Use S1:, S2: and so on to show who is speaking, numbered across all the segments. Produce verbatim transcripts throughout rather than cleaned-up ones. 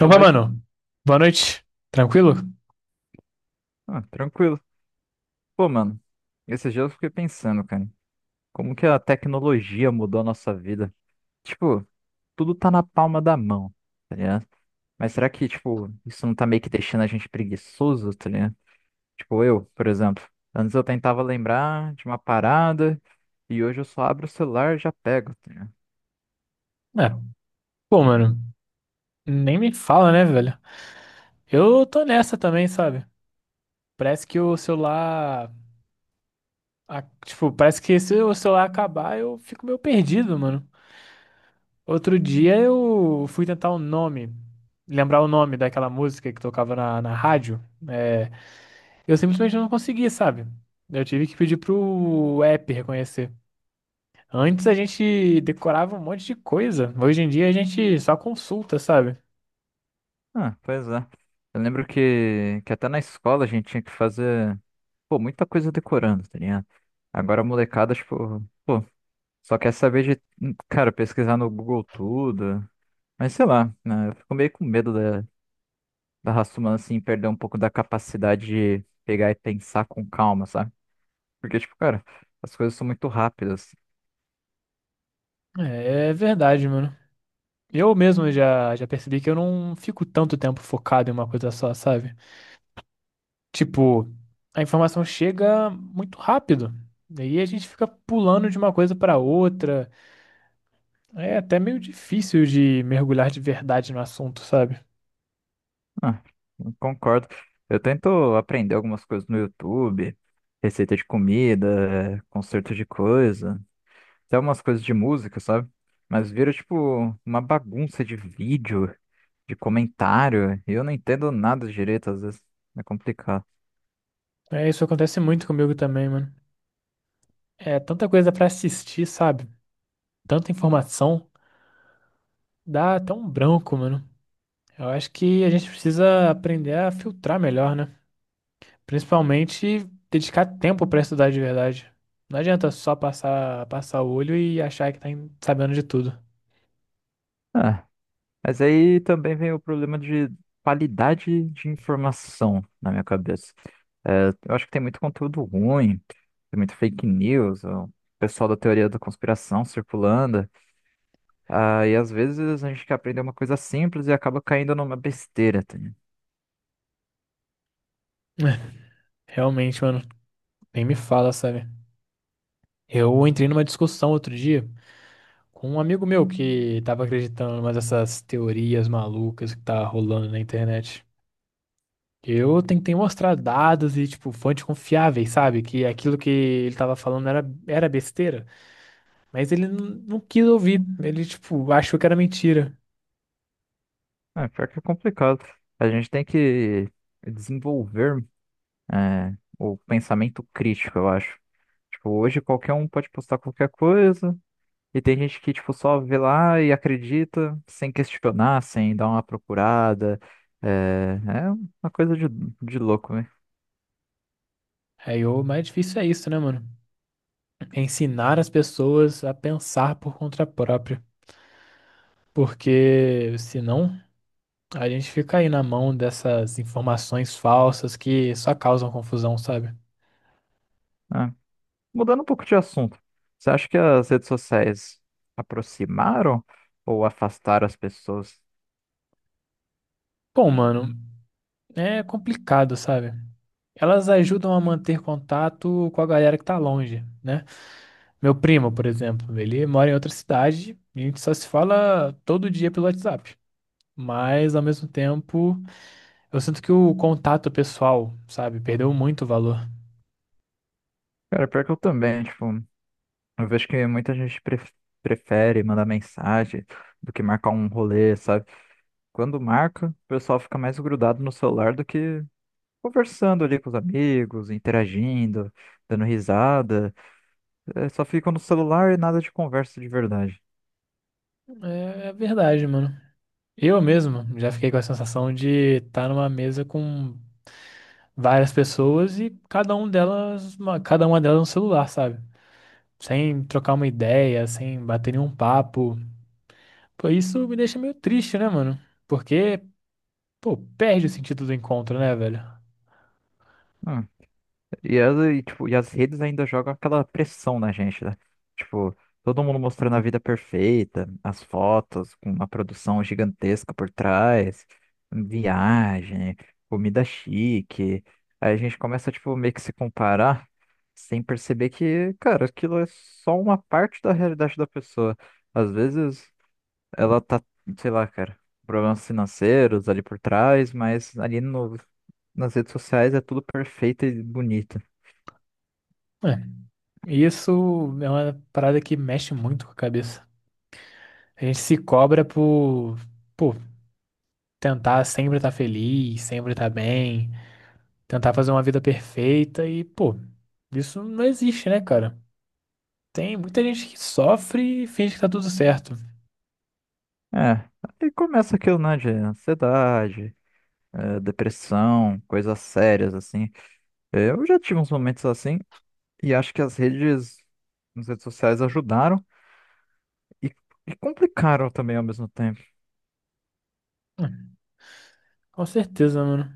S1: Boa
S2: Opa,
S1: noite.
S2: mano. Boa noite. Tranquilo?
S1: Ah, tranquilo. Pô, mano, esses dias eu fiquei pensando, cara, como que a tecnologia mudou a nossa vida? Tipo, tudo tá na palma da mão, tá ligado? Mas será que, tipo, isso não tá meio que deixando a gente preguiçoso, tá ligado? Tipo, eu, por exemplo, antes eu tentava lembrar de uma parada e hoje eu só abro o celular e já pego, tá ligado?
S2: É. Pô, mano, nem me fala, né, velho? Eu tô nessa também, sabe? Parece que o celular. a- Tipo, parece que se o celular acabar, eu fico meio perdido, mano. Outro dia eu fui tentar o nome, lembrar o nome daquela música que tocava na, na rádio. É, eu simplesmente não consegui, sabe? Eu tive que pedir pro app reconhecer. Antes a gente decorava um monte de coisa. Hoje em dia a gente só consulta, sabe?
S1: Ah, pois é. Eu lembro que, que até na escola a gente tinha que fazer, pô, muita coisa decorando, tá ligado? Agora a molecada, tipo, pô. Só quer saber de, cara, pesquisar no Google tudo. Mas sei lá, né? Eu fico meio com medo da, da raça humana, assim, perder um pouco da capacidade de pegar e pensar com calma, sabe? Porque, tipo, cara, as coisas são muito rápidas.
S2: É verdade, mano. Eu mesmo já, já percebi que eu não fico tanto tempo focado em uma coisa só, sabe? Tipo, a informação chega muito rápido. Daí a gente fica pulando de uma coisa pra outra. É até meio difícil de mergulhar de verdade no assunto, sabe?
S1: Ah, eu concordo. Eu tento aprender algumas coisas no YouTube, receita de comida, conserto de coisa, até umas coisas de música, sabe? Mas vira tipo uma bagunça de vídeo, de comentário, e eu não entendo nada direito, às vezes é complicado.
S2: É, isso acontece muito comigo também, mano. É tanta coisa pra assistir, sabe? Tanta informação, dá até um branco, mano. Eu acho que a gente precisa aprender a filtrar melhor, né? Principalmente dedicar tempo pra estudar de verdade. Não adianta só passar, passar o olho e achar que tá em- sabendo de tudo.
S1: Ah, mas aí também vem o problema de qualidade de informação na minha cabeça. É, eu acho que tem muito conteúdo ruim, tem muito fake news, o pessoal da teoria da conspiração circulando. Ah, e às vezes a gente quer aprender uma coisa simples e acaba caindo numa besteira, tá?
S2: Realmente, mano, nem me fala, sabe? Eu entrei numa discussão outro dia com um amigo meu que tava acreditando em umas dessas teorias malucas que tá rolando na internet. Eu tentei mostrar dados e, tipo, fontes confiáveis, sabe? Que aquilo que ele tava falando era, era besteira. Mas ele não não quis ouvir. Ele, tipo, achou que era mentira.
S1: É, pior que é complicado. A gente tem que desenvolver, é, o pensamento crítico, eu acho. Tipo, hoje qualquer um pode postar qualquer coisa, e tem gente que, tipo, só vê lá e acredita, sem questionar, sem dar uma procurada. É, é uma coisa de, de louco, né?
S2: Aí, o mais difícil é isso, né, mano? É ensinar as pessoas a pensar por conta própria. Porque senão a gente fica aí na mão dessas informações falsas que só causam confusão, sabe?
S1: É. Mudando um pouco de assunto, você acha que as redes sociais aproximaram ou afastaram as pessoas?
S2: Bom, mano, é complicado, sabe? Elas ajudam a manter contato com a galera que tá longe, né? Meu primo, por exemplo, ele mora em outra cidade e a gente só se fala todo dia pelo WhatsApp. Mas ao mesmo tempo, eu sinto que o contato pessoal, sabe, perdeu muito valor.
S1: Cara, pior que eu também, tipo. Eu vejo que muita gente pref- prefere mandar mensagem do que marcar um rolê, sabe? Quando marca, o pessoal fica mais grudado no celular do que conversando ali com os amigos, interagindo, dando risada. É, só ficam no celular e nada de conversa de verdade.
S2: É, é verdade, mano. Eu mesmo já fiquei com a sensação de estar numa mesa com várias pessoas e cada um delas, uma- cada uma delas no celular, sabe? Sem trocar uma ideia, sem bater nenhum papo. Pô, isso me deixa meio triste, né, mano? Porque, pô, perde o sentido do encontro, né, velho?
S1: Hum. E as, e, tipo, e as redes ainda jogam aquela pressão na gente, né? Tipo, todo mundo mostrando a vida perfeita, as fotos com uma produção gigantesca por trás, viagem, comida chique. Aí a gente começa, tipo, meio que se comparar sem perceber que, cara, aquilo é só uma parte da realidade da pessoa. Às vezes ela tá, sei lá, cara, problemas financeiros ali por trás, mas ali no, nas redes sociais é tudo perfeito e bonito.
S2: É, isso é uma parada que mexe muito com a cabeça. A gente se cobra por, pô, tentar sempre estar feliz, sempre estar bem. Tentar fazer uma vida perfeita e, pô, isso não existe, né, cara? Tem muita gente que sofre e finge que tá tudo certo.
S1: É, aí começa aquilo, né, de ansiedade, eh, depressão, coisas sérias, assim. Eh, Eu já tive uns momentos assim, e acho que as redes, as redes sociais ajudaram e, e complicaram também ao mesmo tempo.
S2: Hum, Com certeza, mano.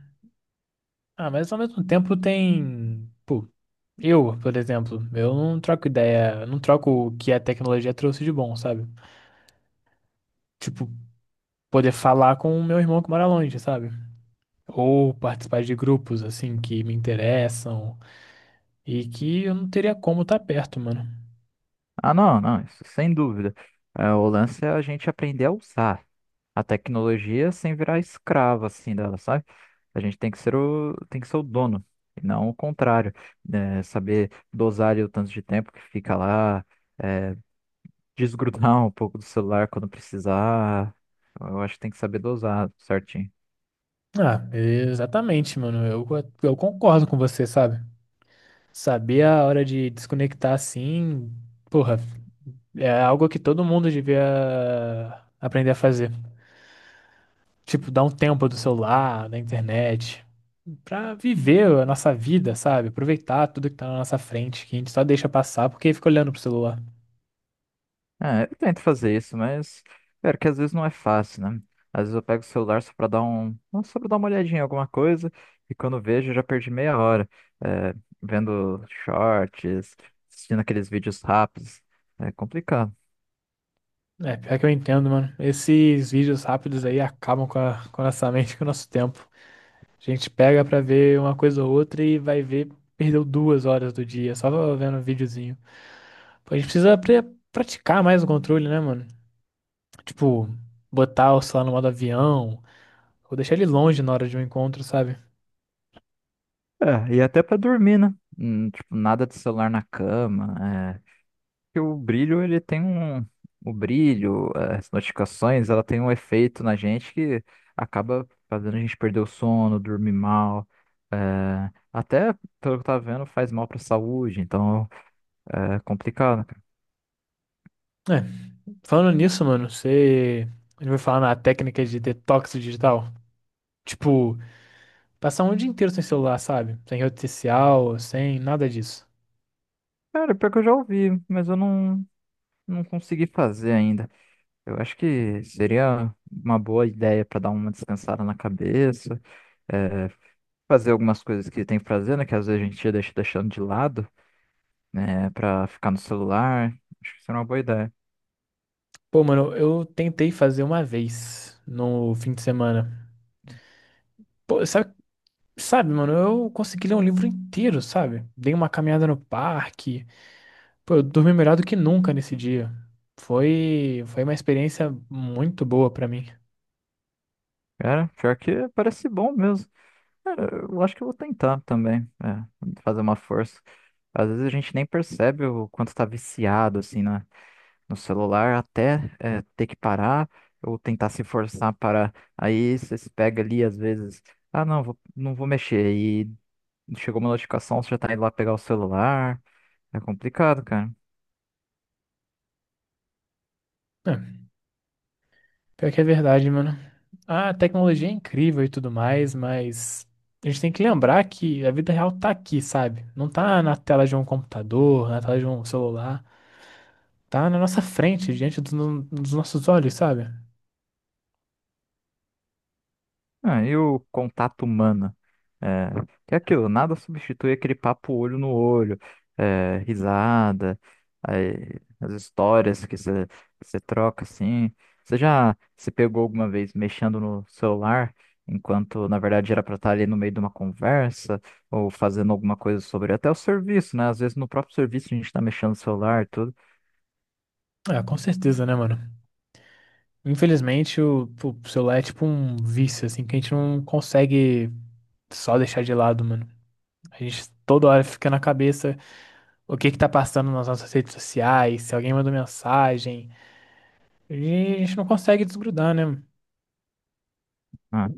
S2: Ah, mas ao mesmo tempo tem. Pô, eu, por exemplo, eu não troco ideia, não troco o que a tecnologia trouxe de bom, sabe? Tipo, poder falar com o meu irmão que mora longe, sabe? Ou participar de grupos, assim, que me interessam e que eu não teria como estar perto, mano.
S1: Ah, não, não, isso sem dúvida. Eh, o lance é a gente aprender a usar a tecnologia sem virar escravo, assim, dela, sabe? A gente tem que ser o, tem que ser o dono, e não o contrário. Eh, saber dosar ali o tanto de tempo que fica lá, desgrudar um pouco do celular quando precisar. Eu acho que tem que saber dosar certinho.
S2: Ah, exatamente, mano. Eu, eu concordo com você, sabe? Saber a hora de desconectar assim, porra, é algo que todo mundo devia aprender a fazer. Tipo, dar um tempo do celular, da internet, pra viver a nossa vida, sabe? Aproveitar tudo que tá na nossa frente, que a gente só deixa passar porque fica olhando pro celular.
S1: É, eu tento fazer isso, mas cara, que às vezes não é fácil, né? Às vezes eu pego o celular só pra dar um, só pra dar uma olhadinha em alguma coisa e quando eu vejo eu já perdi meia hora, é, vendo shorts, assistindo aqueles vídeos rápidos. É complicado.
S2: É, pior que eu entendo, mano. Esses vídeos rápidos aí acabam com a, com a nossa mente, com o nosso tempo. A gente pega pra ver uma coisa ou outra e vai ver, perdeu duas horas do dia só vendo um videozinho. A gente precisa pre- praticar mais o controle, né, mano? Tipo, botar o celular no modo avião, ou deixar ele longe na hora de um encontro, sabe?
S1: É, e até pra dormir, né? Hum, tipo, nada de celular na cama. É, que o brilho, ele tem um. O brilho, as notificações, ela tem um efeito na gente que acaba fazendo a gente perder o sono, dormir mal. Eh, até, pelo que eu tava vendo, faz mal pra saúde, então é complicado, cara.
S2: É, falando nisso, mano, você. A gente vai falar na técnica de detox digital. Tipo, passar um dia inteiro sem celular, sabe? Sem rede social, sem nada disso.
S1: Cara, pior que eu já ouvi, mas eu não, não consegui fazer ainda. Eu acho que seria uma boa ideia pra dar uma descansada na cabeça, eh, fazer algumas coisas que tem que fazer, né? Que às vezes a gente deixa deixando de lado, né, pra ficar no celular. Acho que seria uma boa ideia.
S2: Pô, mano, eu tentei fazer uma vez no fim de semana. Pô, sabe, sabe, mano, eu consegui ler um livro inteiro, sabe? Dei uma caminhada no parque. Pô, eu dormi melhor do que nunca nesse dia. Foi, foi uma experiência muito boa pra mim.
S1: Cara, pior que parece bom mesmo. Cara, eu acho que eu vou tentar também, é, fazer uma força. Às vezes a gente nem percebe o quanto tá viciado, assim, na, no celular, até, é, ter que parar ou tentar se forçar para. Aí você se pega ali, às vezes, ah, não, vou, não vou mexer. E chegou uma notificação, você já tá indo lá pegar o celular. É complicado, cara.
S2: É, pior que é verdade, mano. A tecnologia é incrível e tudo mais, mas a gente tem que lembrar que a vida real tá aqui, sabe? Não tá na tela de um computador, na tela de um celular. Tá na nossa frente, diante dos, dos nossos olhos, sabe?
S1: Ah, e o contato humano? É, que é aquilo, nada substitui aquele papo olho no olho, é, risada, aí, as histórias que você troca assim. Você já se pegou alguma vez mexendo no celular, enquanto na verdade era para estar ali no meio de uma conversa, ou fazendo alguma coisa, sobre até o serviço, né? Às vezes no próprio serviço a gente está mexendo no celular e tudo.
S2: Ah, com certeza, né, mano? Infelizmente, o, o celular é tipo um vício, assim, que a gente não consegue só deixar de lado, mano. A gente toda hora fica na cabeça, o que que tá passando nas nossas redes sociais, se alguém mandou mensagem. E a gente não consegue desgrudar, né?
S1: Ah,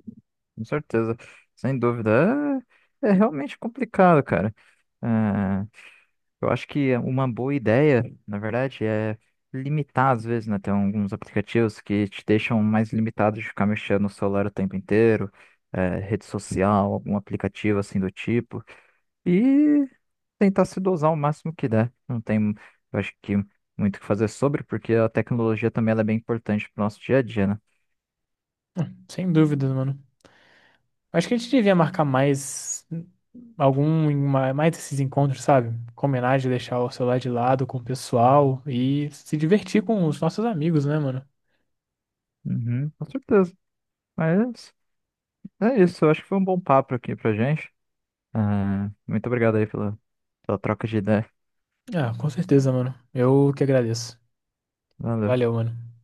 S1: com certeza, sem dúvida. É, é realmente complicado, cara. É, Eu acho que é uma boa ideia, na verdade, é limitar às vezes, né? Tem alguns aplicativos que te deixam mais limitado de ficar mexendo no celular o tempo inteiro, eh, rede social, algum aplicativo assim do tipo, e tentar se dosar o máximo que der. Não tem, eu acho que, muito o que fazer sobre, porque a tecnologia também ela é bem importante para o nosso dia a dia, né?
S2: Sem dúvidas, mano. Acho que a gente devia marcar mais algum, ma- mais esses encontros, sabe? Combinar de deixar o celular de lado com o pessoal e se divertir com os nossos amigos, né, mano?
S1: Uhum, com certeza. Mas é isso, eu acho que foi um bom papo aqui pra gente. Ah, muito obrigado aí pela, pela troca de ideia.
S2: Ah, com certeza, mano. Eu que agradeço.
S1: Valeu.
S2: Valeu, mano.